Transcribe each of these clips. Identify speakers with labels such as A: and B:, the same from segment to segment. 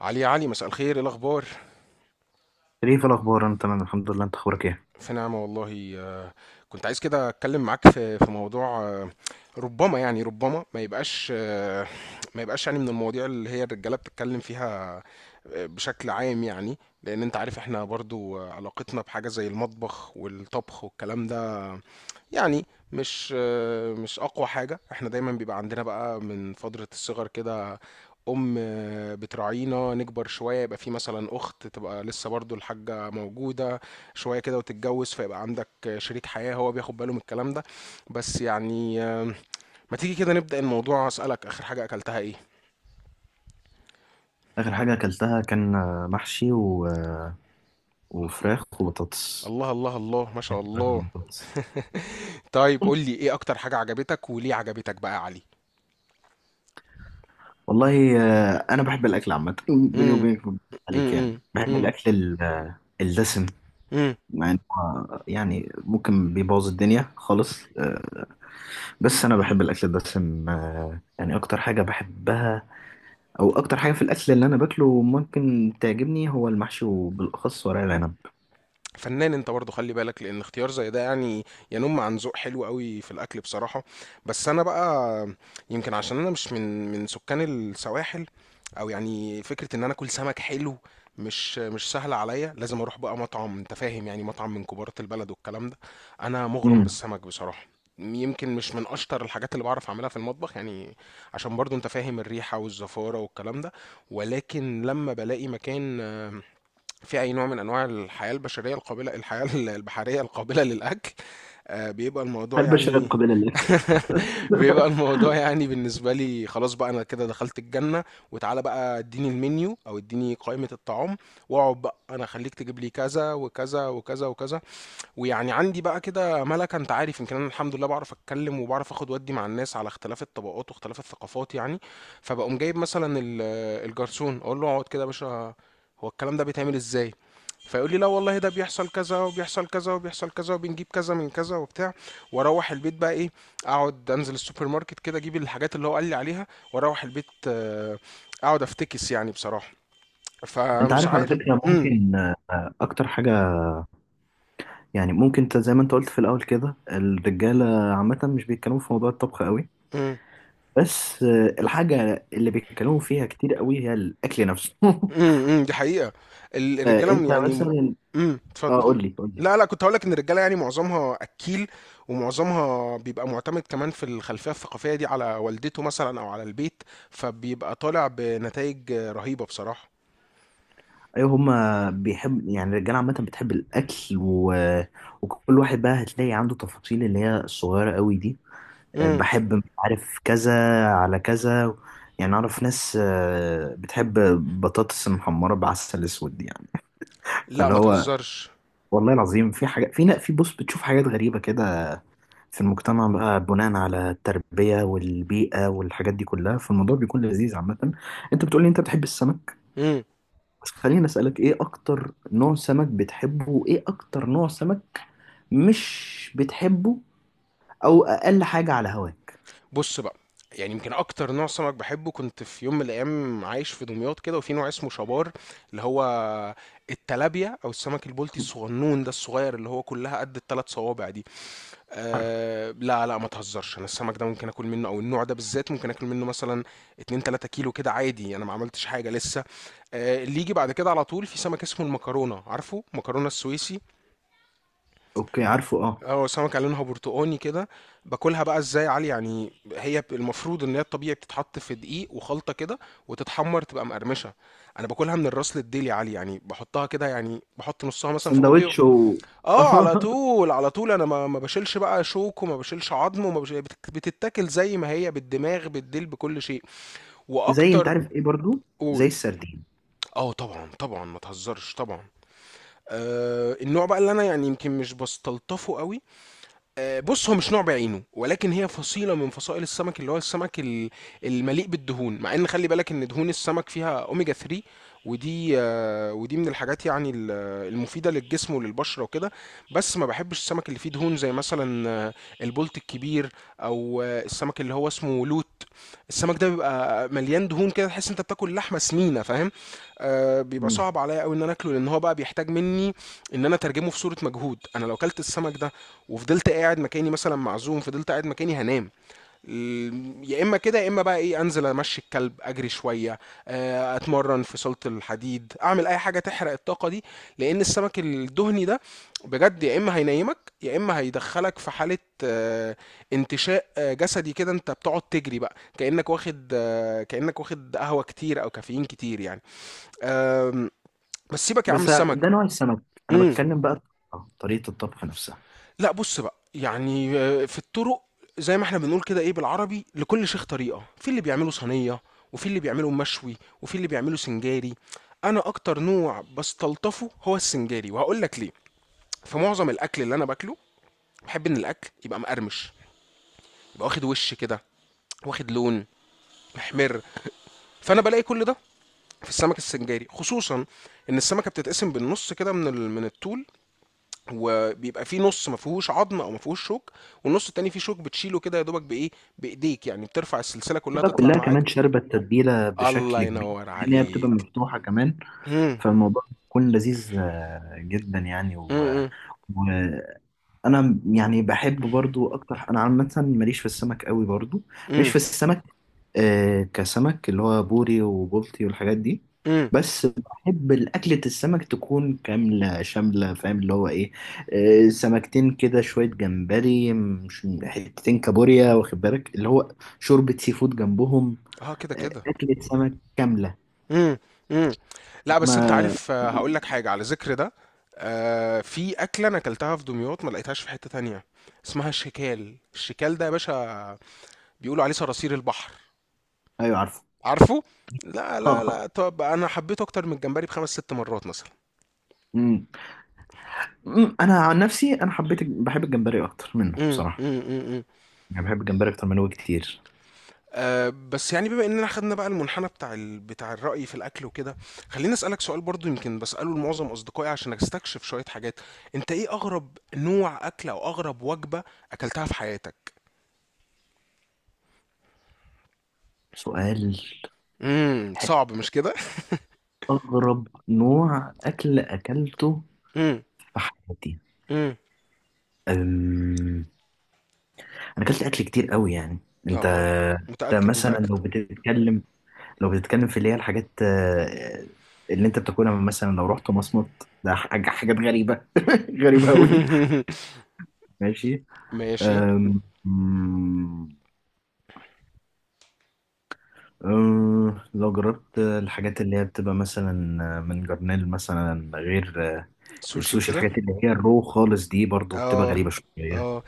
A: علي يا علي، مساء الخير. ايه الاخبار؟
B: شريف الأخبار، أنا تمام الحمد لله. أنت أخبارك إيه؟
A: في نعمه والله. كنت عايز كده اتكلم معاك في موضوع. ربما يعني ربما ما يبقاش. يعني من المواضيع اللي هي الرجاله بتتكلم فيها. بشكل عام، يعني لان انت عارف احنا برضو، علاقتنا بحاجه زي المطبخ والطبخ والكلام ده. يعني مش مش اقوى حاجه احنا دايما بيبقى عندنا، بقى من فتره الصغر كده. ام بتراعينا نكبر شويه يبقى في مثلا اخت تبقى لسه برضو الحاجه موجوده شويه كده، وتتجوز فيبقى عندك شريك حياه هو بياخد باله من الكلام ده. بس يعني ما تيجي كده نبدا الموضوع، اسالك اخر حاجه اكلتها ايه؟
B: آخر حاجة أكلتها كان محشي و... آه، وفراخ وبطاطس.
A: الله الله الله، ما شاء
B: فراخ
A: الله.
B: وبطاطس.
A: طيب قول لي، ايه اكتر حاجه عجبتك وليه عجبتك بقى يا علي؟
B: والله أنا بحب الأكل عامة، بيني
A: امم،
B: وبينك ما بكذبش عليك، يعني
A: امم،
B: بحب
A: امم.
B: الأكل الدسم. مع إنه يعني ممكن بيبوظ الدنيا خالص، بس أنا بحب الأكل الدسم، يعني أكتر حاجة بحبها، أو أكتر حاجة في الأكل اللي أنا باكله ممكن تعجبني هو المحشي وبالأخص ورق العنب.
A: فنان انت برضه، خلي بالك لان اختيار زي ده يعني ينم عن ذوق حلو قوي في الاكل بصراحه. بس انا بقى، يمكن عشان انا مش من سكان السواحل، او يعني فكره ان انا اكل سمك حلو مش سهله عليا. لازم اروح بقى مطعم، انت فاهم يعني مطعم من كبارة البلد والكلام ده. انا مغرم بالسمك بصراحه، يمكن مش من اشطر الحاجات اللي بعرف اعملها في المطبخ يعني. عشان برضو انت فاهم الريحه والزفاره والكلام ده. ولكن لما بلاقي مكان في أي نوع من أنواع الحياة البشرية القابلة، الحياة البحرية القابلة للأكل، بيبقى الموضوع
B: أحب أشارك
A: يعني.
B: قبيلة لك.
A: بيبقى الموضوع يعني بالنسبة لي، خلاص بقى أنا كده دخلت الجنة. وتعالى بقى اديني المنيو أو اديني قائمة الطعام، واقعد بقى أنا، خليك تجيب لي كذا وكذا وكذا وكذا. ويعني عندي بقى كده ملكة، انت عارف، يمكن انا الحمد لله بعرف اتكلم وبعرف اخد ودي مع الناس على اختلاف الطبقات واختلاف الثقافات يعني. فبقوم جايب مثلا الجرسون، اقول له اقعد كده يا باشا، هو الكلام ده بيتعمل ازاي؟ فيقول لي لا والله، ده بيحصل كذا وبيحصل كذا وبيحصل كذا، وبنجيب كذا من كذا وبتاع. واروح البيت بقى ايه، اقعد انزل السوبر ماركت كده اجيب الحاجات اللي هو قال لي عليها، واروح البيت اقعد افتكس يعني بصراحة.
B: أنت
A: فمش
B: عارف على
A: عارف.
B: فكرة،
A: امم،
B: ممكن أكتر حاجة، يعني ممكن، أنت زي ما أنت قلت في الأول كده، الرجالة عامة مش بيتكلموا في موضوع الطبخ قوي.
A: امم.
B: بس الحاجة اللي بيتكلموا فيها كتير قوي هي الأكل نفسه.
A: إمم، إمم، دي حقيقة. ال الرجالة م
B: أنت
A: يعني م
B: مثلا،
A: إمم،
B: أه
A: اتفضل.
B: قول لي قول لي.
A: لا، لأ، كنت هاقول لك إن الرجالة يعني معظمها أكّيل، ومعظمها بيبقى مُعتمد كمان في الخلفية الثقافية دي على والدته مثلًا أو على البيت، فبيبقى طالع بنتايج رهيبة بصراحة.
B: أيوه، هما بيحب، يعني الرجالة عامة بتحب الأكل و... وكل واحد بقى هتلاقي عنده تفاصيل اللي هي الصغيرة قوي دي.
A: إمم،
B: بحب مش عارف كذا على كذا، يعني اعرف ناس بتحب بطاطس محمره بعسل اسود يعني.
A: لأ
B: فاللي
A: ما
B: هو
A: تهزرش.
B: والله العظيم في حاجه، في، بص بتشوف حاجات غريبه كده في المجتمع بقى، بناء على التربيه والبيئه والحاجات دي كلها. فالموضوع بيكون لذيذ عامه. انت بتقولي انت بتحب السمك،
A: إمم،
B: بس خليني اسالك، ايه اكتر نوع سمك بتحبه، وايه اكتر نوع سمك مش بتحبه، او اقل حاجه على هواك؟
A: بُص بقى، يعني يمكن أكتر نوع سمك باحبه. كنت في يوم من الأيام عايش في دمياط كده، وفي نوع اسمه شبار، اللي هو التلابيا أو السمك البلطي الصغنون ده الصغير، اللي هو كُلّها قد ال3 صوابع دي.
B: عارفه.
A: أه، لا لا ما تهزرش، انا السمك ده ممكن اكل منه او النوع ده بالذات ممكن اكل منه مثلا 2 3 كيلو كده عادي، انا ما عملتش حاجه لسه. أه اللي يجي بعد كده على طول في سمك اسمه المكرونه، عارفه مكرونه السويسي؟
B: اوكي، عارفه، اه.
A: هو سمكه لونها برتقاني كده. باكلها بقى ازاي يا علي؟ يعني هي المفروض ان هي الطبيعي بتتحط في دقيق وخلطه كده، وتتحمر تبقى مقرمشه. انا باكلها من الراس للديل يا علي، يعني بحطها كده، يعني بحط نصها مثلا في بقي.
B: سندوتش و...
A: اه، على طول على طول، انا ما بشيلش بقى شوك وما بشيلش عظم وما بشيل بتتاكل زي ما هي، بالدماغ بالديل بكل شيء.
B: زي، انت
A: واكتر.
B: عارف ايه برضو؟ زي
A: قول.
B: السردين.
A: اه طبعا طبعا ما تهزرش طبعا. النوع بقى اللي انا يعني يمكن مش بستلطفه قوي. بص، هو مش نوع بعينه، ولكن هي فصيلة من فصائل السمك اللي هو السمك المليء بالدهون. مع ان خلي بالك ان دهون السمك فيها اوميجا 3، ودي ودي من الحاجات يعني المفيدة للجسم وللبشرة وكده. بس ما بحبش السمك اللي فيه دهون زي مثلا البولت الكبير، او السمك اللي هو اسمه لوت. السمك ده بيبقى مليان دهون كده، تحس انت بتاكل لحمة سمينة، فاهم؟ بيبقى
B: مم.
A: صعب عليا قوي ان انا اكله، لان هو بقى بيحتاج مني ان انا اترجمه في صورة مجهود. انا لو كلت السمك ده وفضلت قاعد مكاني مثلا، معزوم فضلت قاعد مكاني، هنام. يا اما كده، يا اما بقى ايه، انزل امشي الكلب، اجري شويه، اتمرن في صاله الحديد، اعمل اي حاجه تحرق الطاقه دي. لان السمك الدهني ده بجد، يا اما هينيمك، يا اما هيدخلك في حاله آه، انتشاء جسدي كده، انت بتقعد تجري بقى كانك واخد آه، كانك واخد قهوه كتير او كافيين كتير يعني. آم، بس سيبك يا عم
B: بس
A: السمك.
B: ده نوع السمك، انا
A: مم.
B: بتكلم بقى طريقة الطبخ نفسها.
A: لا بص بقى، يعني في الطرق زي ما احنا بنقول كده ايه بالعربي، لكل شيخ طريقة، في اللي بيعمله صينية، وفي اللي بيعمله مشوي، وفي اللي بيعمله سنجاري. انا اكتر نوع بستلطفه هو السنجاري، وهقول لك ليه. في معظم الاكل اللي انا باكله، بحب ان الاكل يبقى مقرمش، يبقى واخد وش كده، واخد لون محمر. فانا بلاقي كل ده في السمك السنجاري خصوصا ان السمكه بتتقسم بالنص كده من الطول، وبيبقى في نص ما فيهوش عظم او ما فيهوش شوك، والنص التاني فيه شوك بتشيله كده يا دوبك بايه، بايديك، يعني بترفع السلسله كلها
B: بتبقى
A: تطلع
B: كلها
A: معاك.
B: كمان شاربة التتبيلة
A: الله
B: بشكل كبير،
A: ينور
B: لان هي بتبقى
A: عليك.
B: مفتوحة كمان.
A: امم،
B: فالموضوع بيكون لذيذ جدا يعني و...
A: امم،
B: انا يعني بحب برضو اكتر، انا عامه ماليش في السمك قوي برضو. ماليش
A: امم،
B: في السمك، آه، كسمك اللي هو بوري وبلطي والحاجات دي.
A: امم.
B: بس بحب الاكلة السمك تكون كاملة شاملة، فاهم اللي هو ايه؟ آه، سمكتين كده، شوية جمبري، مش حتتين كابوريا، واخد بالك؟ اللي هو شوربة سي فود جنبهم.
A: اه كده
B: آه،
A: كده.
B: اكلة سمك كاملة.
A: امم، امم. لا بس انت
B: انا
A: عارف، هقول لك حاجه على ذكر ده. في اكله انا اكلتها في دمياط ما لقيتهاش في حته تانية، اسمها الشكال. الشكال ده يا باشا بيقولوا عليه صراصير البحر،
B: ايوه، عارفه.
A: عارفه؟ لا لا لا، طب انا حبيته اكتر من الجمبري بخمس ست مرات مثلا.
B: أمم. أمم، انا عن نفسي انا حبيت، بحب الجمبري اكتر منه
A: امم،
B: بصراحة.
A: امم، امم،
B: انا بحب الجمبري اكتر من هو كتير.
A: بس يعني بما اننا خدنا بقى المنحنى بتاع بتاع الرأي في الاكل وكده، خليني اسالك سؤال برضو يمكن بساله لمعظم اصدقائي عشان استكشف شوية حاجات. انت ايه اغرب نوع اكل او اغرب وجبة اكلتها في حياتك؟
B: سؤال،
A: امم،
B: ح-،
A: صعب مش كده؟
B: اغرب نوع اكل اكلته
A: امم،
B: في حياتي.
A: امم.
B: أم... انا اكلت اكل كتير قوي يعني. انت،
A: اه اه،
B: انت
A: متأكد
B: مثلا
A: متأكد.
B: لو بتتكلم، لو بتتكلم في اللي هي الحاجات اللي انت بتاكلها، مثلا لو رحت مصمت، ده حاجة، حاجات غريبة غريبة قوي. ماشي.
A: ماشي.
B: أم... أم، لو جربت الحاجات اللي هي بتبقى مثلا من جرنيل مثلا، غير
A: سوشي
B: السوشي،
A: وكده.
B: الحاجات اللي هي الرو خالص دي برضو بتبقى
A: اه
B: غريبة شوية.
A: اه.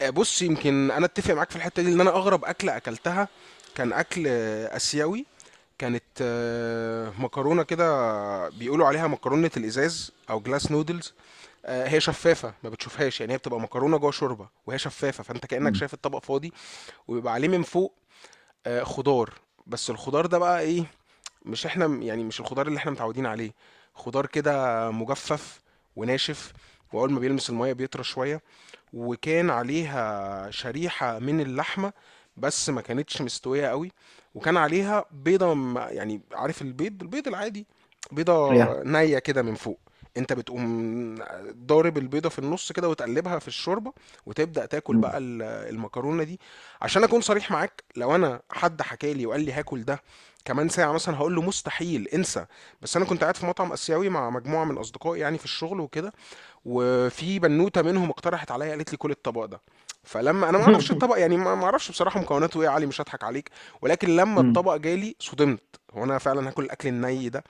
A: بص، يمكن انا اتفق معاك في الحته دي، لان انا اغرب اكله اكلتها كان اكل اسيوي. كانت مكرونه كده بيقولوا عليها مكرونه الازاز او جلاس نودلز. هي شفافه ما بتشوفهاش، يعني هي بتبقى مكرونه جوه شوربه وهي شفافه، فانت كانك
B: مم.
A: شايف الطبق فاضي. وبيبقى عليه من فوق خضار. بس الخضار ده بقى ايه؟ مش احنا، يعني مش الخضار اللي احنا متعودين عليه. خضار كده مجفف وناشف، واول ما بيلمس الميه بيطرى شويه. وكان عليها شريحة من اللحمة، بس ما كانتش مستوية قوي. وكان عليها بيضة يعني عارف البيض، البيض العادي،
B: يا.
A: بيضة نية كده من فوق. انت بتقوم ضارب البيضة في النص كده، وتقلبها في الشوربة، وتبدأ تاكل
B: مم.
A: بقى المكرونة دي. عشان اكون صريح معاك، لو انا حد حكالي وقال لي هاكل ده كمان ساعة مثلا، هقول له مستحيل، انسى. بس انا كنت قاعد في مطعم اسيوي مع مجموعة من اصدقائي يعني في الشغل وكده، وفي بنوته منهم اقترحت عليا، قالت لي كل الطبق ده. فلما انا ما اعرفش الطبق، يعني ما اعرفش بصراحه مكوناته ايه يا علي، مش هضحك عليك. ولكن لما
B: مم.
A: الطبق جالي صدمت، هو انا فعلا هاكل الاكل الني ده؟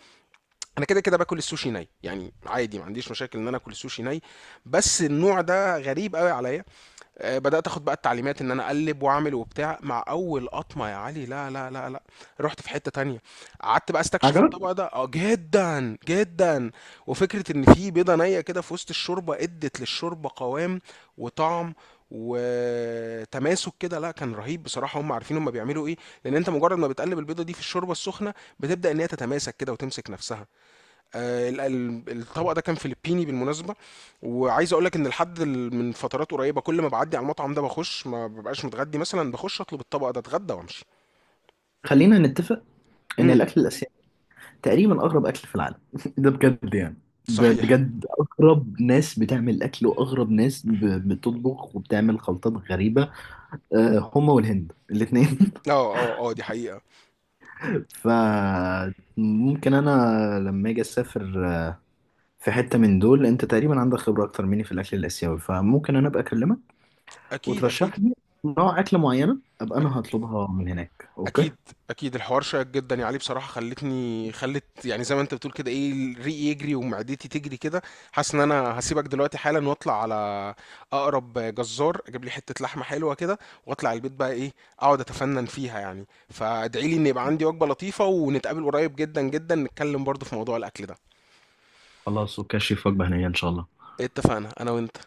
A: انا كده كده باكل السوشي ني يعني عادي، ما عنديش مشاكل ان انا اكل السوشي ني. بس النوع ده غريب قوي عليا. بدأت اخد بقى التعليمات ان انا اقلب واعمل وبتاع. مع اول قطمة يا علي، لا لا لا لا، رحت في حتة تانية، قعدت بقى استكشف
B: عجبك؟
A: الطبق ده، اه جدا جدا. وفكرة ان في بيضة نية كده في وسط الشوربة ادت للشوربة قوام وطعم وتماسك كده، لا كان رهيب بصراحة. هم عارفين هم بيعملوا ايه، لان انت مجرد ما بتقلب البيضة دي في الشوربة السخنة، بتبدأ ان هي تتماسك كده وتمسك نفسها. الطبق ده كان فلبيني بالمناسبه. وعايز اقول لك ان لحد من فترات قريبه، كل ما بعدي على المطعم ده، بخش ما ببقاش متغدي مثلا، بخش اطلب الطبق ده اتغدى وامشي.
B: خلينا نتفق ان
A: امم.
B: الاكل الاسيوي تقريبا اغرب اكل في العالم. ده بجد يعني،
A: صحيح.
B: بجد اغرب ناس بتعمل اكل، واغرب ناس بتطبخ وبتعمل خلطات غريبة. آه، هما والهند الاثنين.
A: اه اه اه، دي حقيقه.
B: فممكن انا لما اجي اسافر في حتة من دول، انت تقريبا عندك خبرة اكتر مني في الاكل الاسيوي، فممكن انا ابقى اكلمك
A: اكيد اكيد.
B: وترشح لي نوع اكل معينة ابقى انا هطلبها من هناك. اوكي،
A: اكيد اكيد. الحوار شيق جدا يعني، عليه بصراحه خلتني، خلت يعني زي ما انت بتقول كده ايه، ريقي يجري ومعدتي تجري كده. حاسس ان انا هسيبك دلوقتي حالا واطلع على اقرب جزار، اجيب لي حته لحمه حلوه كده، واطلع البيت بقى ايه، اقعد اتفنن فيها. يعني فادعي لي ان يبقى عندي وجبه لطيفه، ونتقابل قريب جدا جدا نتكلم برضو في موضوع الاكل ده.
B: خلاص اوكي، شيف، وجبة هنية ان شاء الله.
A: اتفقنا انا وانت.